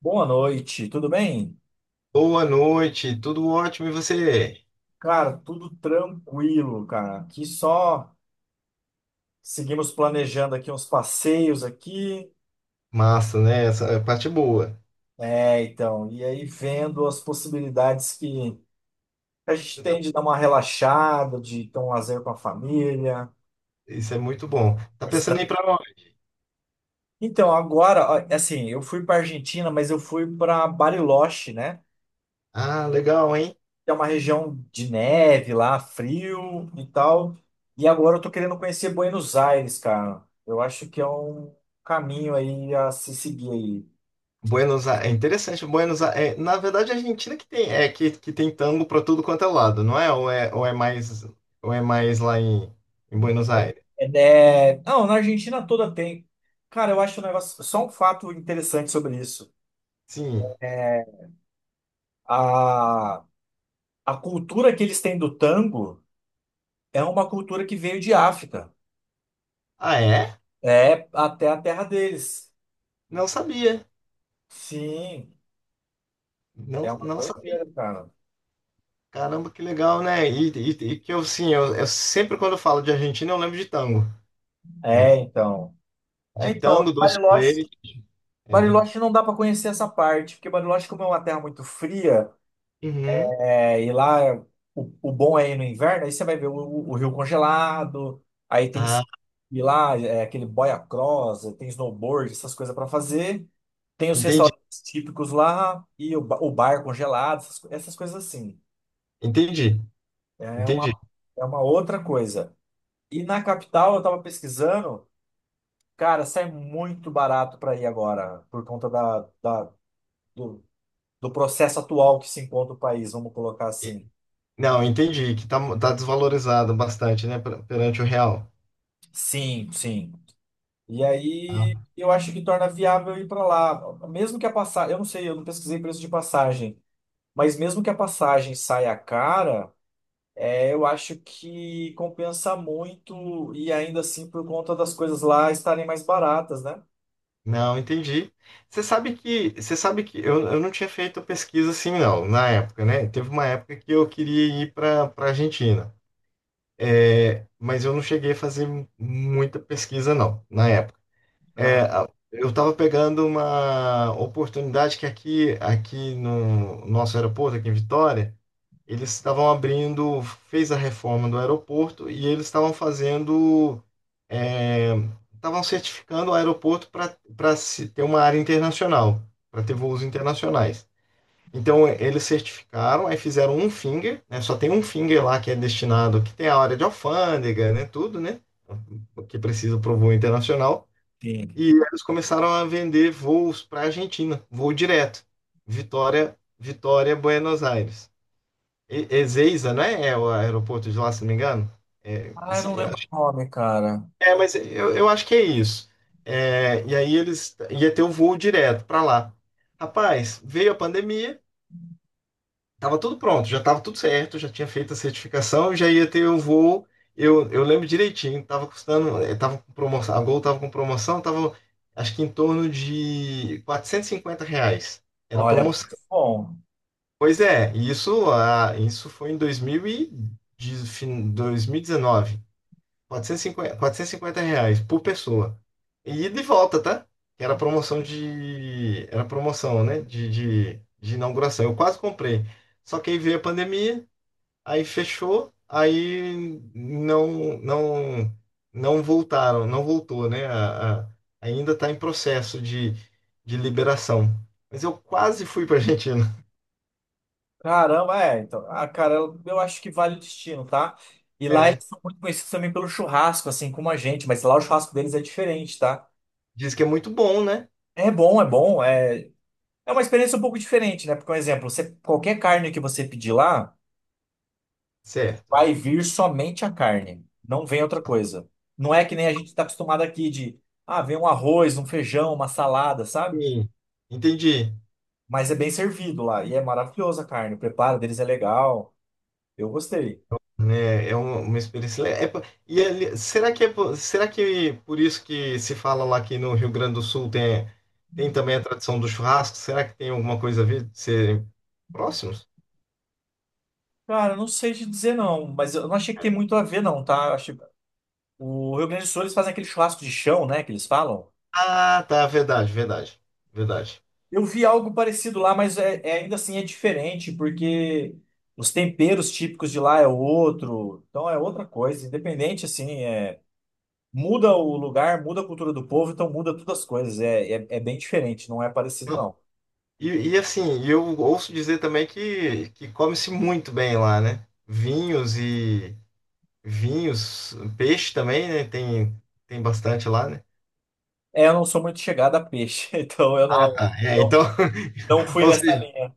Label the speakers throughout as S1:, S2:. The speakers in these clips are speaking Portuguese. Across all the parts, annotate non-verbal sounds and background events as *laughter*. S1: Boa noite, tudo bem?
S2: Boa noite, tudo ótimo e você?
S1: Cara, tudo tranquilo, cara. Aqui só seguimos planejando aqui uns passeios aqui.
S2: Massa, né? Essa é a parte, é boa.
S1: É, então, e aí vendo as possibilidades que a gente
S2: Você
S1: tem
S2: tá-
S1: de dar uma relaxada, de ter um lazer com a família.
S2: Isso é muito bom. Tá pensando em ir pra onde?
S1: Então, agora, ó, assim, eu fui para Argentina, mas eu fui para Bariloche, né?
S2: Ah, legal, hein?
S1: Que é uma região de neve lá, frio e tal. E agora eu tô querendo conhecer Buenos Aires, cara. Eu acho que é um caminho aí a se seguir aí.
S2: Buenos Aires, é interessante. Buenos Aires, na verdade a Argentina que tem, é que tem tango pra tudo quanto é lado, não é? Ou é mais lá em Buenos Aires?
S1: Não, na Argentina toda tem. Cara, eu acho um negócio, só um fato interessante sobre isso.
S2: Sim.
S1: É, A, a cultura que eles têm do tango é uma cultura que veio de África.
S2: Ah, é?
S1: É até a terra deles.
S2: Não sabia.
S1: Sim, é
S2: Não,
S1: uma
S2: não sabia.
S1: doideira, cara.
S2: Caramba, que legal, né? E que eu, sim, eu sempre quando eu falo de Argentina eu lembro de tango, né?
S1: É, então. É,
S2: De
S1: então,
S2: tango, doce de
S1: Bariloche
S2: leite. É.
S1: Bariloche não dá para conhecer essa parte, porque Bariloche, como é uma terra muito fria,
S2: Uhum.
S1: é, e lá o bom é ir no inverno, aí você vai ver o rio congelado, aí tem
S2: Ah,
S1: e lá é, aquele boia cross, tem snowboard, essas coisas para fazer, tem os
S2: entendi,
S1: restaurantes típicos lá e o bar congelado, essas coisas assim.
S2: entendi,
S1: É uma,
S2: entendi.
S1: é uma outra coisa. E na capital eu tava pesquisando, cara, sai muito barato para ir agora, por conta do- do processo atual que se encontra o país, vamos colocar assim.
S2: Não, entendi que tá desvalorizado bastante, né, perante o real.
S1: Sim, sim. E aí
S2: Ah,
S1: eu acho que torna viável ir para lá, mesmo que a passagem, eu não sei, eu não pesquisei preço de passagem, mas mesmo que a passagem saia cara, é, eu acho que compensa muito e ainda assim por conta das coisas lá estarem mais baratas, né?
S2: não, entendi. Você sabe que eu não tinha feito pesquisa assim, não, na época, né? Teve uma época que eu queria ir para Argentina, mas eu não cheguei a fazer muita pesquisa, não, na época.
S1: Aham.
S2: É, eu estava pegando uma oportunidade que aqui no nosso aeroporto, aqui em Vitória. Eles estavam abrindo, fez a reforma do aeroporto e eles estavam fazendo, é, estavam certificando o aeroporto para ter uma área internacional, para ter voos internacionais. Então eles certificaram, aí fizeram um finger, né? Só tem um finger lá que é destinado, que tem a área de alfândega, né? Tudo, né? O que precisa para o voo internacional.
S1: Sim.
S2: E eles começaram a vender voos para a Argentina, voo direto, Vitória, Buenos Aires. Ezeiza, né? É o aeroporto de lá, se não me engano. É,
S1: Ah, eu não lembro o nome, cara.
S2: mas eu acho que é isso. É, e aí eles ia ter o voo direto para lá. Rapaz, veio a pandemia, tava tudo pronto, já tava tudo certo, já tinha feito a certificação, já ia ter o voo. Eu lembro direitinho, tava custando, tava com promoção, a Gol tava com promoção, tava acho que em torno de R$ 450. Era
S1: Olha,
S2: promoção.
S1: bom.
S2: Pois é, isso, ah, isso foi em 2019. Quatrocentos e cinquenta reais por pessoa. E de volta, tá? Que Era promoção de. Era promoção, né? De inauguração. Eu quase comprei. Só que aí veio a pandemia, aí fechou, aí não voltaram, não voltou, né? Ainda está em processo de liberação. Mas eu quase fui para Argentina.
S1: Caramba, é. Então, ah, cara, eu acho que vale o destino, tá? E lá
S2: É,
S1: eles são muito conhecidos também pelo churrasco, assim como a gente, mas lá o churrasco deles é diferente, tá?
S2: diz que é muito bom, né?
S1: É bom, é bom. É, é uma experiência um pouco diferente, né? Porque, por exemplo, você, qualquer carne que você pedir lá,
S2: Certo.
S1: vai vir somente a carne, não vem outra coisa. Não é que nem a gente está acostumado aqui de, ah, vem um arroz, um feijão, uma salada, sabe?
S2: Sim. Entendi.
S1: Mas é bem servido lá e é maravilhosa a carne. O preparo deles é legal. Eu gostei.
S2: Né? É uma experiência. Será que por isso que se fala lá que no Rio Grande do Sul tem também a tradição do churrasco? Será que tem alguma coisa a ver de serem próximos?
S1: Cara, eu não sei te dizer não, mas eu não achei que tem muito a ver não, tá? Eu achei... O Rio Grande do Sul eles fazem aquele churrasco de chão, né, que eles falam.
S2: Ah, tá, verdade, verdade, verdade.
S1: Eu vi algo parecido lá, mas ainda assim é diferente, porque os temperos típicos de lá é outro, então é outra coisa, independente assim, é... muda o lugar, muda a cultura do povo, então muda todas as coisas, é bem diferente, não é parecido
S2: Não,
S1: não.
S2: E, e assim, eu ouço dizer também que come-se muito bem lá, né? Vinhos, peixe também, né? Tem bastante lá, né?
S1: É, eu não sou muito chegada a peixe, *laughs* então eu
S2: Ah,
S1: não,
S2: tá. É,
S1: não,
S2: então,
S1: não
S2: *laughs*
S1: fui
S2: ou
S1: nessa
S2: seja,
S1: linha.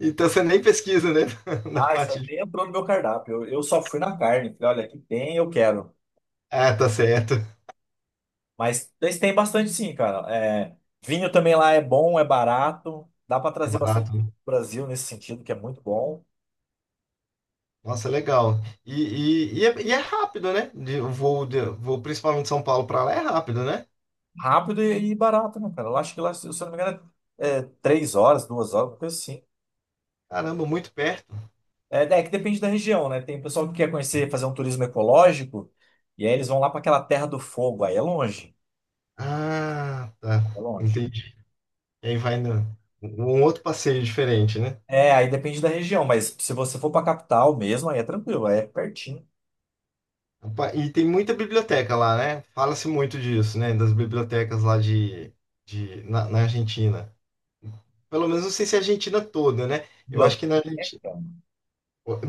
S2: então você nem pesquisa, né? *laughs* Na
S1: Ah, isso
S2: parte
S1: aí
S2: de.
S1: nem entrou no meu cardápio. Eu só fui na carne. Falei, olha, aqui tem, eu quero.
S2: Ah, tá certo.
S1: Mas eles têm bastante sim, cara. É, vinho também lá é bom, é barato. Dá pra
S2: É
S1: trazer bastante
S2: barato,
S1: pro
S2: né?
S1: Brasil nesse sentido, que é muito bom.
S2: Nossa, é legal. E é rápido, né? De, o voo, de, voo principalmente de São Paulo para lá é rápido, né?
S1: Rápido e barato, né, cara? Eu acho que lá, se eu não me engano, é três horas, duas horas, uma coisa assim.
S2: Caramba, muito perto.
S1: É, é que depende da região, né? Tem pessoal que quer conhecer, fazer um turismo ecológico, e aí eles vão lá pra aquela Terra do Fogo. Aí é longe,
S2: Ah, tá.
S1: é longe.
S2: Entendi. E aí vai no, um outro passeio diferente, né?
S1: É, aí depende da região, mas se você for pra capital mesmo, aí é tranquilo, aí é pertinho.
S2: Opa, e tem muita biblioteca lá, né? Fala-se muito disso, né? Das bibliotecas lá de, na na Argentina. Pelo menos não sei se é a Argentina toda, né? Eu acho
S1: Biblioteca?
S2: que na Argentina.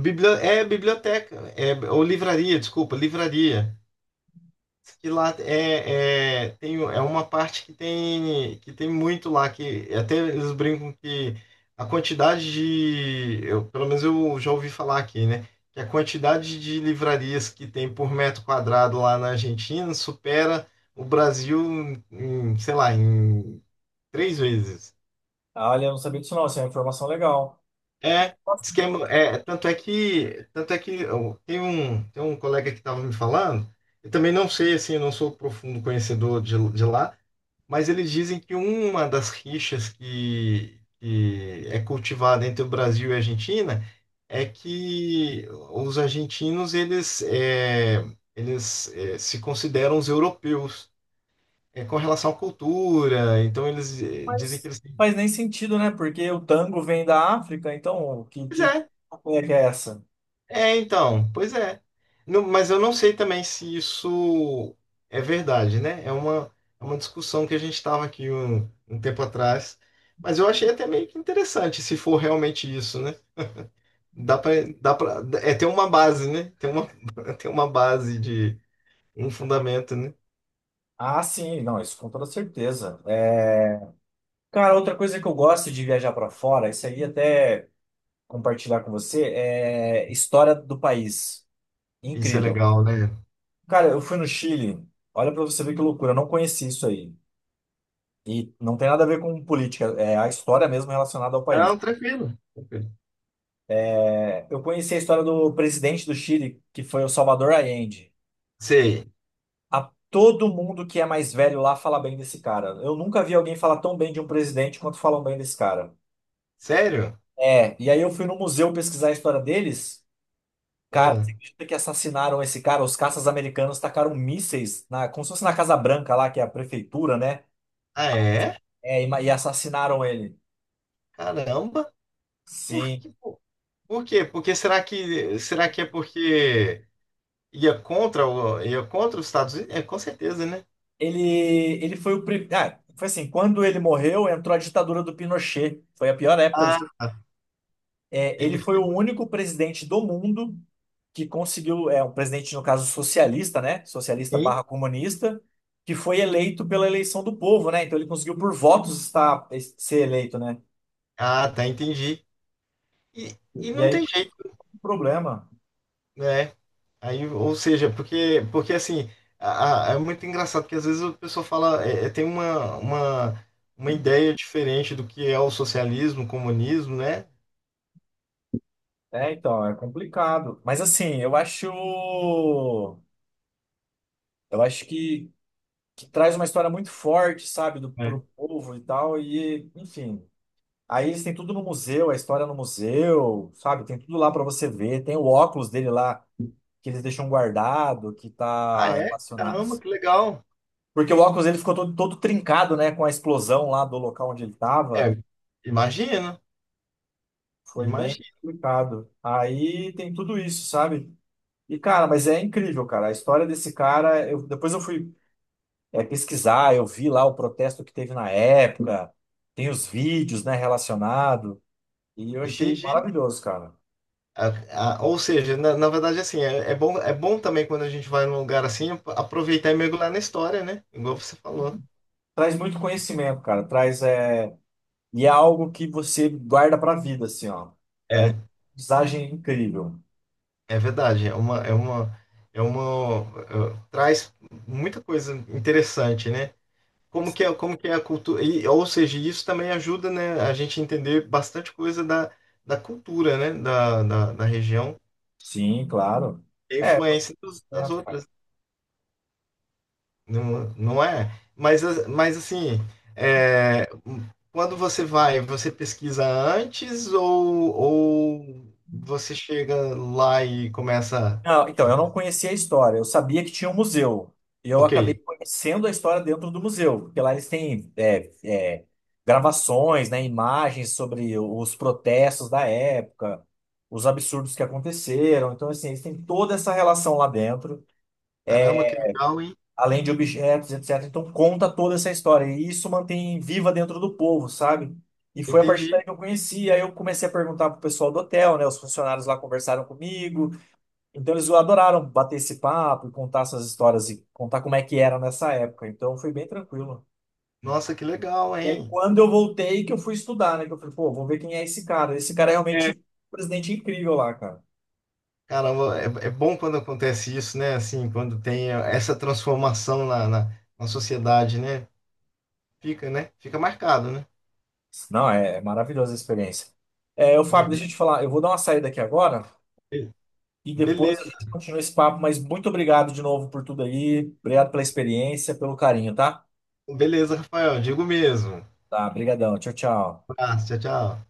S2: É biblioteca, ou livraria, desculpa, livraria. Que lá é, tem, é uma parte que tem, muito lá, que até eles brincam que a quantidade de, eu, pelo menos eu já ouvi falar aqui, né? Que a quantidade de livrarias que tem por metro quadrado lá na Argentina supera o Brasil sei lá, em três vezes.
S1: Ah, olha, eu não sabia disso não, isso é uma informação legal.
S2: É,
S1: Nossa,
S2: diz que é, tanto é que tem um colega que estava me falando, eu também não sei, assim, eu não sou profundo conhecedor de lá, mas eles dizem que uma das rixas que é cultivada entre o Brasil e a Argentina é que os argentinos, eles se consideram os europeus, com relação à cultura, então eles dizem que
S1: mas
S2: eles.
S1: não faz nem sentido, né? Porque o tango vem da África, então
S2: É,
S1: que é essa?
S2: É, então, pois é. Mas eu não sei também se isso é verdade, né? É uma discussão que a gente estava aqui um tempo atrás. Mas eu achei até meio que interessante se for realmente isso, né? Dá para ter uma base, né? Tem uma, *laughs* tem uma base de um fundamento, né?
S1: Ah, sim, não, isso com toda certeza. É, cara, outra coisa que eu gosto de viajar para fora, isso aí até compartilhar com você, é história do país.
S2: Isso é
S1: Incrível.
S2: legal, né?
S1: Cara, eu fui no Chile, olha para você ver que loucura, eu não conheci isso aí. E não tem nada a ver com política, é a história mesmo relacionada ao país.
S2: Não, tranquilo. Tranquilo.
S1: É, eu conheci a história do presidente do Chile, que foi o Salvador Allende.
S2: Sei.
S1: A todo mundo que é mais velho lá fala bem desse cara. Eu nunca vi alguém falar tão bem de um presidente quanto falam bem desse cara.
S2: Sério?
S1: É, e aí eu fui no museu pesquisar a história deles. Cara,
S2: Ah,
S1: você acredita que assassinaram esse cara? Os caças americanos tacaram mísseis na, como se fosse na Casa Branca lá, que é a prefeitura, né?
S2: ah, é?
S1: É, e assassinaram ele.
S2: Caramba. Por
S1: Sim.
S2: que, por por quê? Porque será que é porque ia contra os Estados Unidos? É, com certeza, né?
S1: Ele foi o primeiro. Ah, foi assim, quando ele morreu, entrou a ditadura do Pinochet. Foi a pior época do...
S2: Ah, tá.
S1: É, ele
S2: Ele
S1: foi
S2: foi.
S1: o único presidente do mundo que conseguiu, é um presidente, no caso, socialista, né? Socialista
S2: Sim.
S1: barra comunista, que foi eleito pela eleição do povo, né? Então ele conseguiu por votos estar, ser eleito, né?
S2: Ah, tá, entendi. E
S1: E
S2: não
S1: aí,
S2: tem jeito,
S1: o problema.
S2: né? Aí, ou seja, porque assim, é muito engraçado que às vezes a pessoa fala, tem uma ideia diferente do que é o socialismo, o comunismo, né?
S1: É, então, é complicado. Mas assim, eu acho. Eu acho que traz uma história muito forte, sabe, do,
S2: É.
S1: pro povo e tal. E, enfim. Aí eles têm tudo no museu, a história no museu, sabe? Tem tudo lá para você ver. Tem o óculos dele lá que eles deixam guardado, que
S2: Ah,
S1: tá
S2: é?
S1: relacionado.
S2: Caramba, que legal.
S1: Porque o óculos ele ficou todo trincado, né, com a explosão lá do local onde ele tava.
S2: É, imagina,
S1: Foi bem
S2: imagina,
S1: complicado. Aí tem tudo isso, sabe? E, cara, mas é incrível, cara. A história desse cara, eu, depois eu fui, é, pesquisar, eu vi lá o protesto que teve na época, tem os vídeos, né, relacionado, e eu achei
S2: entendi.
S1: maravilhoso, cara.
S2: Ou seja, na verdade, assim, é bom, é bom também quando a gente vai num lugar assim, aproveitar e mergulhar na história, né? Igual você falou.
S1: Traz muito conhecimento, cara. Traz, é, e é algo que você guarda pra vida, assim, ó. É uma
S2: É,
S1: aprendizagem incrível.
S2: é verdade. É uma, traz muita coisa interessante, né? Como que é a cultura, e, ou seja, isso também ajuda, né, a gente entender bastante coisa da, da, cultura, né, da região,
S1: Sim, claro.
S2: e a
S1: É,
S2: influência das
S1: certo, cara.
S2: outras. Não, não é? Mas assim, é, quando você vai, você pesquisa antes ou você chega lá e começa
S1: Não, então,
S2: a.
S1: eu não conhecia a história. Eu sabia que tinha um museu. E eu
S2: Ok,
S1: acabei conhecendo a história dentro do museu, porque lá eles têm gravações, né, imagens sobre os protestos da época, os absurdos que aconteceram. Então, assim, eles têm toda essa relação lá dentro,
S2: caramba, que legal, hein?
S1: além de objetos, etc. Então conta toda essa história e isso mantém viva dentro do povo, sabe? E foi a partir
S2: Entendi.
S1: daí que eu conheci, aí eu comecei a perguntar pro pessoal do hotel, né? Os funcionários lá conversaram comigo, então eles adoraram bater esse papo e contar essas histórias e contar como é que era nessa época. Então foi bem tranquilo.
S2: Nossa, que legal,
S1: E aí
S2: hein?
S1: quando eu voltei que eu fui estudar, né? Que eu falei, pô, vou ver quem é esse cara. Esse cara é realmente
S2: É,
S1: um presidente incrível lá, cara.
S2: caramba, é bom quando acontece isso, né? Assim, quando tem essa transformação na sociedade, né? Fica, né? Fica marcado, né?
S1: Não, é, é maravilhosa a experiência. É, ô, Fábio, deixa eu te falar, eu vou dar uma saída aqui agora.
S2: É.
S1: E depois a gente
S2: Beleza,
S1: continua esse papo, mas muito obrigado de novo por tudo aí. Obrigado pela experiência, pelo carinho, tá?
S2: beleza, Rafael. Digo mesmo.
S1: Tá, brigadão. Tchau, tchau.
S2: Um abraço, tchau, tchau.